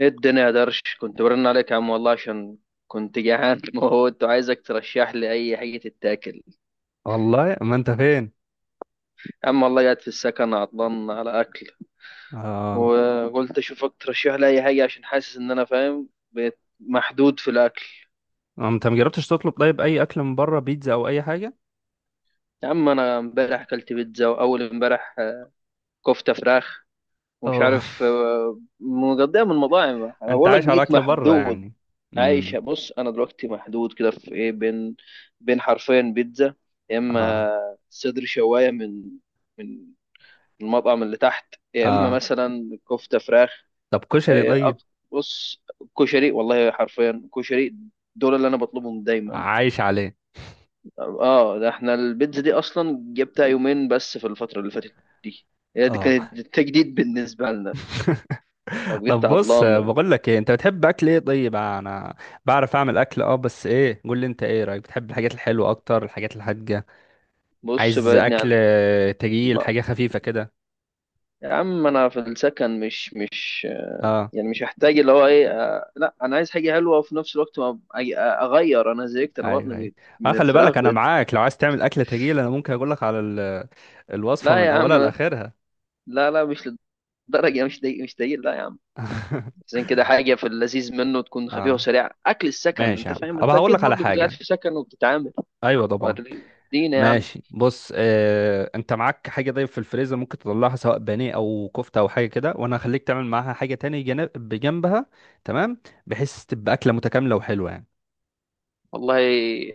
ايه الدنيا يا درش كنت برن عليك يا عم والله عشان كنت جعان موت وعايزك ترشح لي اي حاجه تتاكل. والله ما انت فين؟ يا عم والله قاعد في السكن عطلان على اكل، اه. وقلت اشوفك ترشح لي اي حاجه عشان حاسس ان انا فاهم بقيت محدود في الاكل. انت ما جربتش تطلب طيب اي اكل من بره، بيتزا او اي حاجه؟ يا عم انا امبارح اكلت بيتزا، واول امبارح كفته فراخ، ومش اه. عارف مقضيها من مطاعم، انا انت بقول لك عايش على بقيت اكل بره محدود. يعني؟ امم. عايشه بص انا دلوقتي محدود كده في ايه، بين حرفين بيتزا يا اما اه. صدر شوايه من من المطعم اللي تحت، يا اما اه، مثلا كفته فراخ. طب كشري إيه، طيب؟ أق- بص، كشري، والله حرفيا كشري، دول اللي انا بطلبهم دايما. عايش عليه. اه، ده احنا البيتزا دي اصلا جبتها يومين بس في الفتره اللي فاتت دي، هي دي كانت اه، التجديد بالنسبه لنا، فبقيت طب بص، عطلان. بقول لك ايه، انت بتحب اكل ايه طيب؟ انا بعرف اعمل اكل، اه بس ايه، قول لي انت ايه رايك، بتحب الحاجات الحلوه اكتر الحاجات الحادقه؟ بص عايز بعدني اكل عن تقيل، ما- حاجه خفيفه كده؟ يا عم انا في السكن مش اه. يعني مش محتاج اللي هو ايه، لا انا عايز حاجه حلوه وفي نفس الوقت ما اغير، انا زهقت، انا بطني ايوه ايوه. بيت اه من خلي الفراخ بالك انا بيت. معاك، لو عايز تعمل اكله تجيل انا ممكن اقول لك على الوصفه لا من يا عم، اولها لاخرها. لا لا، مش للدرجه، مش دي مش دي، لا يا عم. زين كده حاجه في اللذيذ منه، تكون خفيفه اه، وسريعه، اكل السكن، ماشي يا انت عم، فاهم، انت ابقى هقول اكيد لك على برضه كنت قاعد حاجه. في سكن وبتتعامل. ايوه طبعا. وري- ادينا يا عم. ماشي بص، انت معاك حاجه طيب في الفريزر ممكن تطلعها، سواء بانيه او كفته او حاجه كده، وانا هخليك تعمل معاها حاجه تاني جنب بجنبها. تمام. بحيث تبقى اكله متكامله وحلوه يعني. والله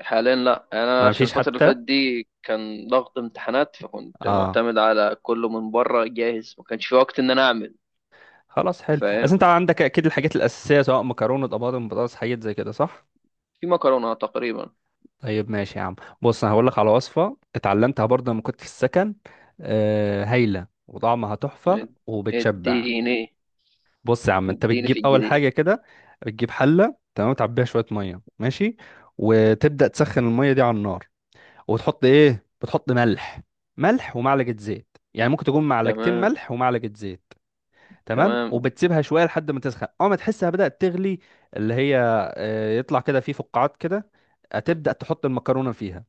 حاليا لا، انا ما عشان فيش الفتره اللي حتى. فاتت دي كان ضغط امتحانات، فكنت اه، معتمد على كله من بره جاهز، ما كانش في وقت ان انا اعمل. خلاص حلو، بس انت فاهم، عندك اكيد الحاجات الاساسيه، سواء مكرونه طماطم بطاطس، حاجات زي كده، صح؟ في مكرونه تقريبا. طيب ماشي يا عم. بص انا هقول لك على وصفه اتعلمتها برضه لما كنت في السكن، هايله وطعمها تحفه وبتشبع. اديني، بص يا عم، انت اديني في بتجيب اول الجديد. حاجه كده، بتجيب حله، تمام، تعبيها شويه ميه، ماشي، وتبدا تسخن الميه دي على النار، وتحط ايه، بتحط ملح. ملح ومعلقه زيت، يعني ممكن تكون معلقتين تمام، ملح ومعلقه زيت. تمام، تمام، وبتسيبها شويه لحد ما تسخن. اول ما تحسها بدات تغلي، اللي هي يطلع كده فيه فقاعات كده، هتبدا تحط المكرونه فيها،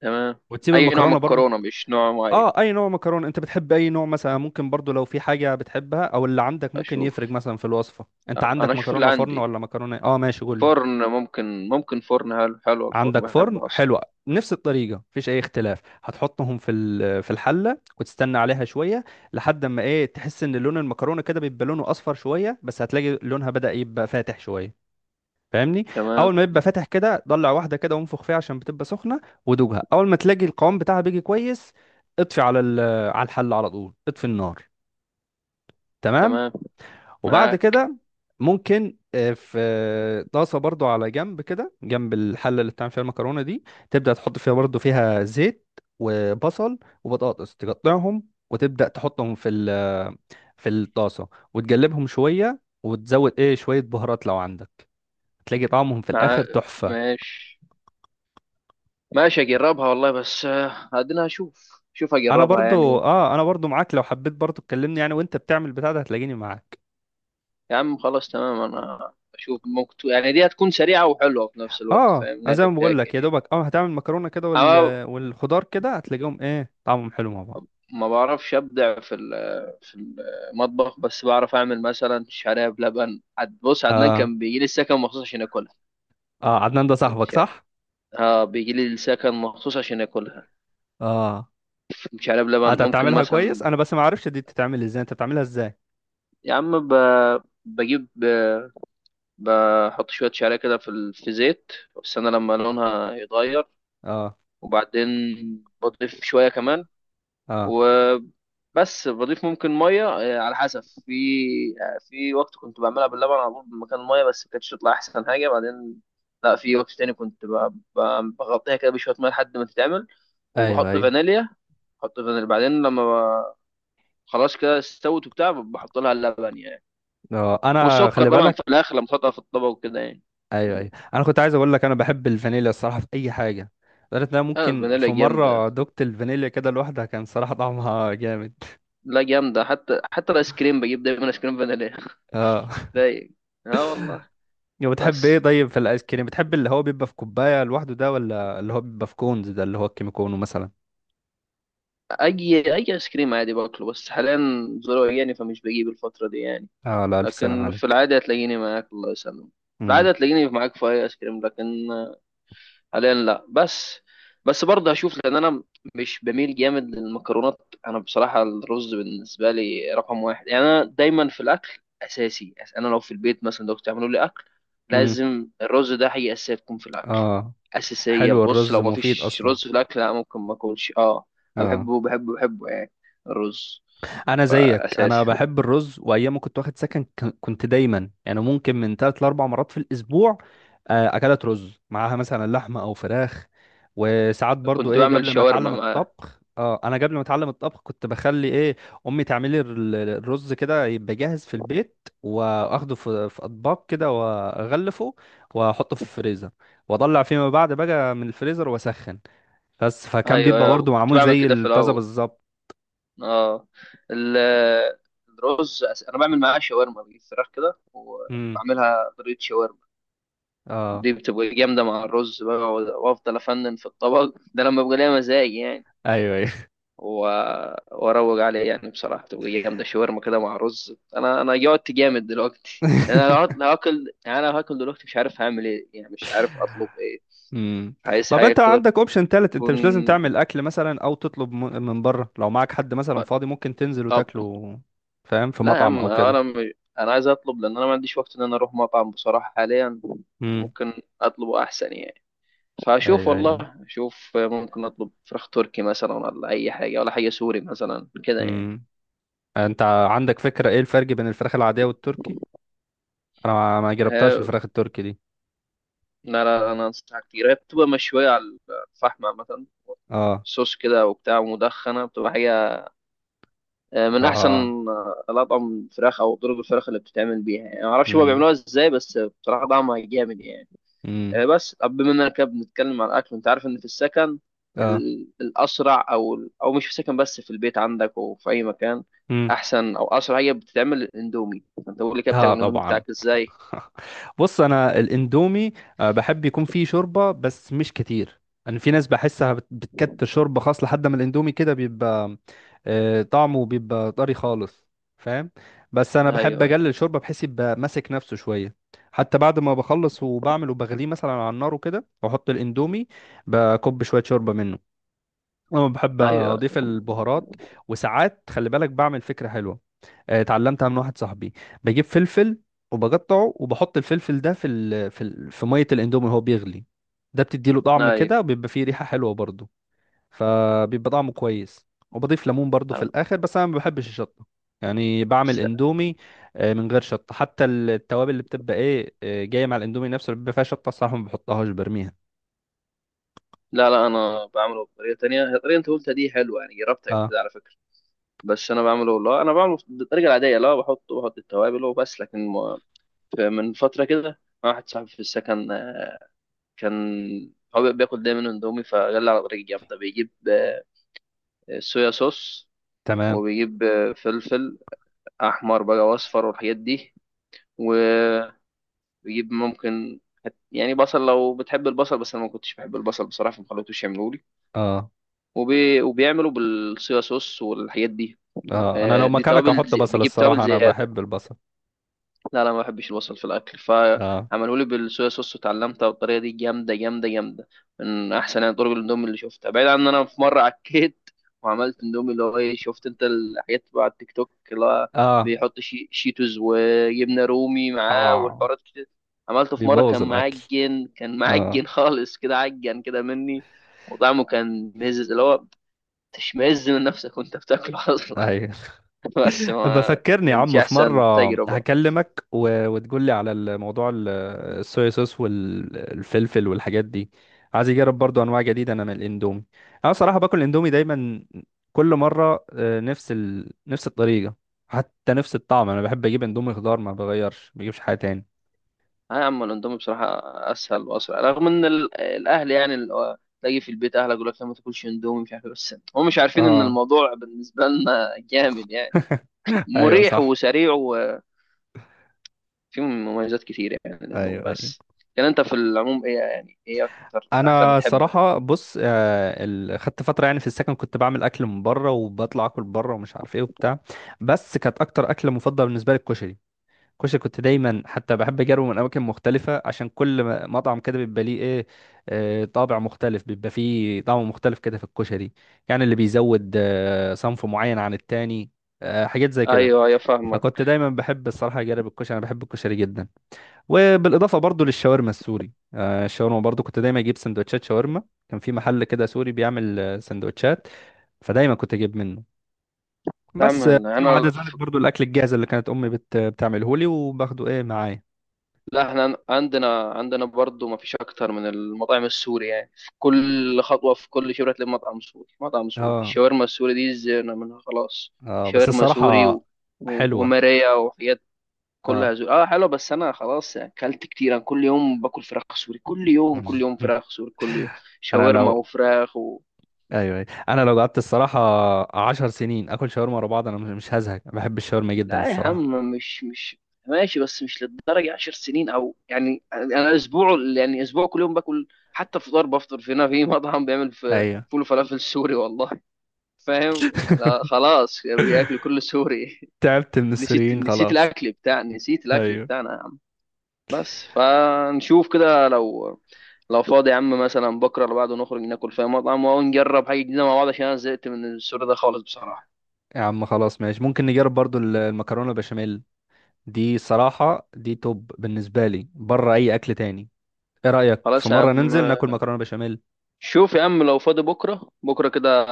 تمام. وتسيب اي نوع المكرونه برضه. مكرونه؟ مش نوع معين؟ اه، اي نوع مكرونه، انت بتحب اي نوع؟ مثلا ممكن برضه لو في حاجه بتحبها او اللي عندك ممكن يفرق، اشوف، مثلا في الوصفه انت انا عندك اشوف اللي مكرونه فرن عندي. ولا مكرونه اه، ماشي قول لي. فرن، ممكن ممكن فرن، حلو حلو، الفرن عندك فرن، بحبه اصلا. حلوه. نفس الطريقه مفيش اي اختلاف، هتحطهم في في الحله وتستنى عليها شويه، لحد ما ايه، تحس ان لون المكرونه كده بيبقى لونه اصفر شويه، بس هتلاقي لونها بدأ يبقى فاتح شويه، فاهمني؟ تمام، اول ما يبقى فاتح كده، ضلع واحده كده وانفخ فيها عشان بتبقى سخنه، ودوقها، اول ما تلاقي القوام بتاعها بيجي كويس اطفي على الحل، على طول اطفي النار. تمام. تمام. وبعد معاك، كده ممكن في طاسه برضو على جنب كده، جنب الحله اللي بتعمل فيها المكرونه دي، تبدا تحط فيها برضو فيها زيت، وبصل وبطاطس تقطعهم، وتبدا تحطهم في في الطاسه، وتقلبهم شويه، وتزود ايه، شويه بهارات لو عندك، تلاقي طعمهم في معاك. الاخر تحفه. ماشي، ماشي، اجربها والله، بس ادنى اشوف، شوف انا اجربها برضو يعني. اه، انا برضو معاك، لو حبيت برضو تكلمني يعني وانت بتعمل بتاع ده هتلاقيني معاك. يا عم خلاص تمام، انا اشوف، ممكن يعني دي هتكون سريعة وحلوة في نفس الوقت، اه، فاهم انا انها زي ما بقول تتاكل لك يا يعني. دوبك اه هتعمل مكرونه كده وال... انا والخضار كده هتلاقيهم ايه، طعمهم حلو مع بعض. ما بعرفش ابدع في في المطبخ، بس بعرف اعمل مثلا شعريه بلبن. بص، عدنان اه. كان بيجي لي السكن مخصوص عشان ياكلها. اه، عدنان ده صاحبك الش- صح؟ اه بيجي لي السكن مخصوص عشان ياكلها، اه، شعريه بلبن، انت ممكن بتعملها كويس، مثلا. انا بس ما اعرفش دي بتتعمل ازاي، انت بتعملها ازاي؟ يا عم ب... بجيب، بحط شوية شعرية كده في في زيت، واستنى لما لونها يتغير، اه. وبعدين بضيف شوية كمان، اه. وبس بضيف ممكن مية، على حسب. في في وقت كنت بعملها باللبن على طول مكان المية، بس ما كانتش تطلع أحسن حاجة. بعدين لا، في وقت تاني كنت بغطيها كده بشوية مية لحد ما تتعمل، ايوه وبحط ايوه. فانيليا. بحط فانيليا، بعدين لما خلاص كده استوت وبتاع، بحط لها اللبن يعني. اه انا والسكر خلي طبعا في بالك. الآخر لما تحطها في الطبق وكده يعني. ايوه ايوه، انا كنت عايز اقول لك، انا بحب الفانيليا الصراحه في اي حاجه، لدرجه ان انا أنا ممكن الفانيليا في جامدة، مره دقت الفانيليا كده لوحدها، كان صراحه طعمها جامد. لا جامدة، حتى حتى الآيس كريم بجيب دايما آيس كريم فانيليا. اه. رايق. اه والله. وبتحب ايه بس طيب في الايس كريم، بتحب اللي هو بيبقى في كوبايه لوحده ده، ولا اللي هو بيبقى في كونز ده اللي هو الكيميكونو مثلا؟ أي أي آيس كريم عادي باكله، بس حاليا ظروف يعني، فمش بجيب الفترة دي يعني. اه، لا الف سلام لكن في عليك. العادة هتلاقيني معاك، الله يسلمك، في امم. العادة هتلاقيني معاك في أي آيس كريم، لكن حاليا لا. بس، بس برضه هشوف، لان انا مش بميل جامد للمكرونات، انا بصراحه الرز بالنسبه لي رقم واحد يعني. انا دايما في الاكل اساسي، انا لو في البيت مثلا، لو بتعملوا لي اكل امم. لازم الرز ده حاجه اساسيه تكون في الاكل، اه، اساسيه. حلو، بص الرز لو ما مفيد فيش اصلا. رز في الاكل لا، ممكن ما اكلش. اه انا اه. بحبه بحبه بحبه يعني، الرز. انا زيك، انا فاساسي، بحب الرز، وايام ما كنت واخد سكن كنت دايما يعني ممكن من 3 لـ4 مرات في الاسبوع اكلات رز معاها مثلا لحمه او فراخ. وساعات برضو كنت ايه، بعمل قبل ما شاورما اتعلم مع، الطبخ، اه انا قبل ما اتعلم الطبخ كنت بخلي ايه امي تعمل لي الرز كده يبقى جاهز في البيت، واخده في اطباق كده واغلفه واحطه في الفريزر، واطلع فيما بعد بقى من الفريزر واسخن، بس فكان ايوه بيبقى أيوة، برضو كنت معمول بعمل زي كده في الطازه الاول. بالظبط. اه، ال- الرز، انا بعمل معاه شاورما، بجيب فراخ كده امم. وبعملها طريقه شاورما، اه. دي بتبقى جامده مع الرز بقى، وافضل افنن في الطبق، ده لما بيبقى ليا مزاج يعني. ايوه. و... واروج عليه يعني، بصراحه تبقى جامده شاورما كده مع رز. انا انا جوعت جامد دلوقتي يعني، انا لو لو هاكل يعني، انا لو هاكل دلوقتي مش عارف هعمل ايه يعني، مش عارف اطلب ايه. مم. عايز طب حاجه انت كده عندك اوبشن تالت، انت تكون. مش لازم تعمل اكل مثلا او تطلب من بره، لو معاك حد مثلا فاضي ممكن تنزل طب، وتاكله، فاهم، في لا يا مطعم عم، او كده. انا عايز اطلب، لان انا ما عنديش وقت ان انا اروح مطعم بصراحه حاليا، امم. ممكن اطلبه احسن يعني. فاشوف، ايوه ايوه. والله اشوف، ممكن اطلب فراخ تركي مثلا ولا اي حاجه، ولا حاجه سوري مثلا كده يعني. امم. انت عندك فكرة ايه الفرق بين الفراخ العادية والتركي؟ انا ما جربتهاش ها- الفراخ التركي دي. لا لا، انا انصحك كتير، هي بتبقى مشويه على الفحم مثلا، اه. صوص كده وبتاع مدخنه، بتبقى حاجه من احسن اه. الاطعم الفراخ، او طرق الفراخ اللي بتتعمل بيها يعني. ما اعرفش هما امم. بيعملوها ازاي، بس بصراحه طعمها جامد يعني. امم. بس طب بما اننا كده بنتكلم عن الاكل، انت عارف ان في السكن اه. الاسرع، او مش في السكن بس، في البيت عندك وفي اي مكان امم. احسن او اسرع، هي بتتعمل الاندومي. انت قول لي كده، بتعمل اه الاندومي طبعا. بتاعك ازاي؟ بص انا الاندومي بحب يكون فيه شوربه بس مش كتير. انا في ناس بحسها بتكتر شوربه، خاص لحد ما الاندومي كده بيبقى طعمه بيبقى طري خالص، فاهم. بس انا بحب ايوه، اقلل شوربه بحيث يبقى ماسك نفسه شويه. حتى بعد ما بخلص وبعمل وبغليه مثلا على النار وكده واحط الاندومي بكب شويه شوربه منه. انا بحب ايوه، اضيف البهارات، وساعات خلي بالك بعمل فكره حلوه، اتعلمتها من واحد صاحبي، بجيب فلفل وبقطعه وبحط الفلفل ده في ميه الاندومي وهو بيغلي، ده بتديله طعم ايوه. كده وبيبقى فيه ريحه حلوه برضه، فبيبقى طعمه كويس. وبضيف ليمون برضه في أنا- الاخر، بس انا ما بحبش الشطه. يعني بعمل س- اندومي من غير شطه، حتى التوابل اللي بتبقى ايه جايه مع الاندومي نفسه اللي بيبقى فيها شطه الصراحه ما بحطهاش برميها. لا لا، انا بعمله بطريقه تانية. هي الطريقه اللي انت قلتها دي حلوه، يعني جربتها قبل اه. كده على فكره. بس انا بعمله والله، انا بعمله بالطريقه العاديه، لا بحط، بحط التوابل وبس، لكن من فتره كده واحد صاحبي في السكن، كان هو بياكل دايما اندومي فجلى على طريقة جامدة، بيجيب صويا صوص، تمام. وبيجيب فلفل أحمر بقى وأصفر والحاجات دي، وبيجيب ممكن يعني بصل، لو بتحب البصل، بس أنا ما كنتش بحب البصل بصراحة فما خليتوش يعملوا لي، اه. وبيعملوا بالصويا صوص والحاجات دي. اه انا لو دي مكانك توابل احط زي، بصل بيجيب توابل الصراحه، انا زيادة. بحب البصل. لا لا، ما بحبش البصل في الاكل، اه. فعملوا لي بالصويا صوص وتعلمتها، والطريقه دي جامده جامده جامده، من احسن يعني طرق الاندومي اللي شفتها. بعيد عن ان انا في مره عكيت وعملت اندومي اللي هو ايه، شفت انت الحاجات بقى على التيك توك، اللي هو اه. بيحط شي شيتوز وجبنه رومي معاه اه، والحوارات كتير. عملته في مره بيبوظ كان الاكل. معجن، كان اه. معجن خالص، كده عجن كده مني، وطعمه كان مزز، اللي هو تشمئز من نفسك وانت بتاكله اصلا. ايوه. بس ما بفكرني يا كانتش عم في احسن مره، تجربه. هكلمك و... وتقول لي على الموضوع الصويا صوص والفلفل والحاجات دي. عايز اجرب برضو انواع جديده انا من الاندومي. انا صراحه باكل الاندومي دايما كل مره، نفس نفس الطريقه، حتى نفس الطعم، انا بحب اجيب اندومي خضار ما بغيرش، ما بجيبش حاجه تاني. اه يا عم، الاندومي بصراحه اسهل واسرع، رغم ان الاهل يعني، تلاقي في البيت اهلك يقول لك لا ما تاكلش اندومي مش عارف بس هم مش عارفين ان اه. الموضوع بالنسبه لنا جامد يعني، ايوه مريح صح. وسريع، وفيه مميزات كتير يعني الاندومي. ايوه أيوة. بس كان انت في العموم ايه يعني، ايه اكتر اكله انا بتحبها؟ صراحه بص، خدت فتره يعني في السكن كنت بعمل اكل من بره، وبطلع اكل بره ومش عارف ايه وبتاع، بس كانت اكتر اكله مفضله بالنسبه لي الكشري. الكشري كنت دايما حتى بحب اجربه من اماكن مختلفه، عشان كل مطعم كده بيبقى ليه ايه طابع مختلف، بيبقى فيه طعم مختلف كده في الكشري، يعني اللي بيزود صنف معين عن التاني، حاجات زي كده. ايوه يا فاهمه. فكنت دايما بحب الصراحه اجرب الكشري، انا بحب الكشري جدا. وبالاضافه برضو للشاورما السوري، الشاورما برضو كنت دايما اجيب سندوتشات شاورما، كان في محل كده سوري بيعمل سندوتشات، فدايما كنت اجيب منه. نعم، بس فيما انا عدا ذلك برضو الاكل الجاهز اللي كانت امي بتعمله لي وباخده ايه معايا. لا، احنا عندنا، برضو ما فيش اكتر من المطاعم السوري يعني، في كل خطوه في كل شبرة تلاقي مطعم سوري مطعم سوري، اه. الشاورما السوري دي زهقنا منها خلاص. اه بس شاورما الصراحه سوري و... و... حلوه. وماريا وحاجات اه. كلها زوري. اه حلو، بس انا خلاص يعني اكلت كتير، انا كل يوم باكل فراخ سوري، كل يوم كل يوم فراخ سوري كل يوم، انا شاورما لو. وفراخ. ايوه أيوة. انا لو قعدت الصراحه 10 سنين اكل شاورما ورا بعض انا مش هزهق، بحب الشاورما جدا لا يا الصراحه. عم، مش ماشي، بس مش للدرجة عشر سنين او يعني، انا اسبوع يعني، اسبوع كل يوم باكل، حتى فطار بفطر في هنا في مطعم بيعمل في ايوه. فول وفلافل سوري والله. فاهم، لا خلاص، بياكل كل سوري. تعبت من نسيت، السوريين نسيت خلاص. الاكل بتاع، نسيت الاكل ايوه بتاعنا يا عم. بس فنشوف كده، لو فاضي يا عم مثلا بكره اللي بعده نخرج ناكل في مطعم ونجرب حاجه جديده مع بعض، عشان انا زهقت من السوري ده خالص بصراحه. يا عم خلاص ماشي، ممكن نجرب برضو المكرونة البشاميل، دي صراحة دي توب بالنسبة لي بره أي أكل تاني. إيه رأيك في خلاص يا مرة عم. ننزل ناكل مكرونة بشاميل؟ شوف يا عم، لو فاضي بكرة، بكرة كده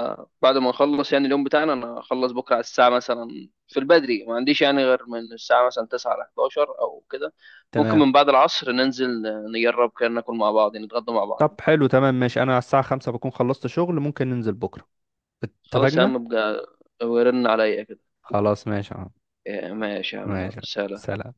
بعد ما نخلص يعني اليوم بتاعنا، أنا أخلص بكرة على الساعة مثلا، في البدري ما عنديش يعني غير من الساعة مثلا 9 ل 11 أو كده. ممكن تمام. من بعد العصر ننزل، نجرب كده ناكل مع بعض يعني، نتغدى مع بعض طب بكرة. حلو، تمام، ماشي، أنا على الساعة 5 بكون خلصت شغل، ممكن ننزل بكرة. خلاص يا اتفقنا. عم بقى، ورن عليا كده. خلاص ماشي يا عم. ماشي يا عم، يلا ماشي. سلام. سلام.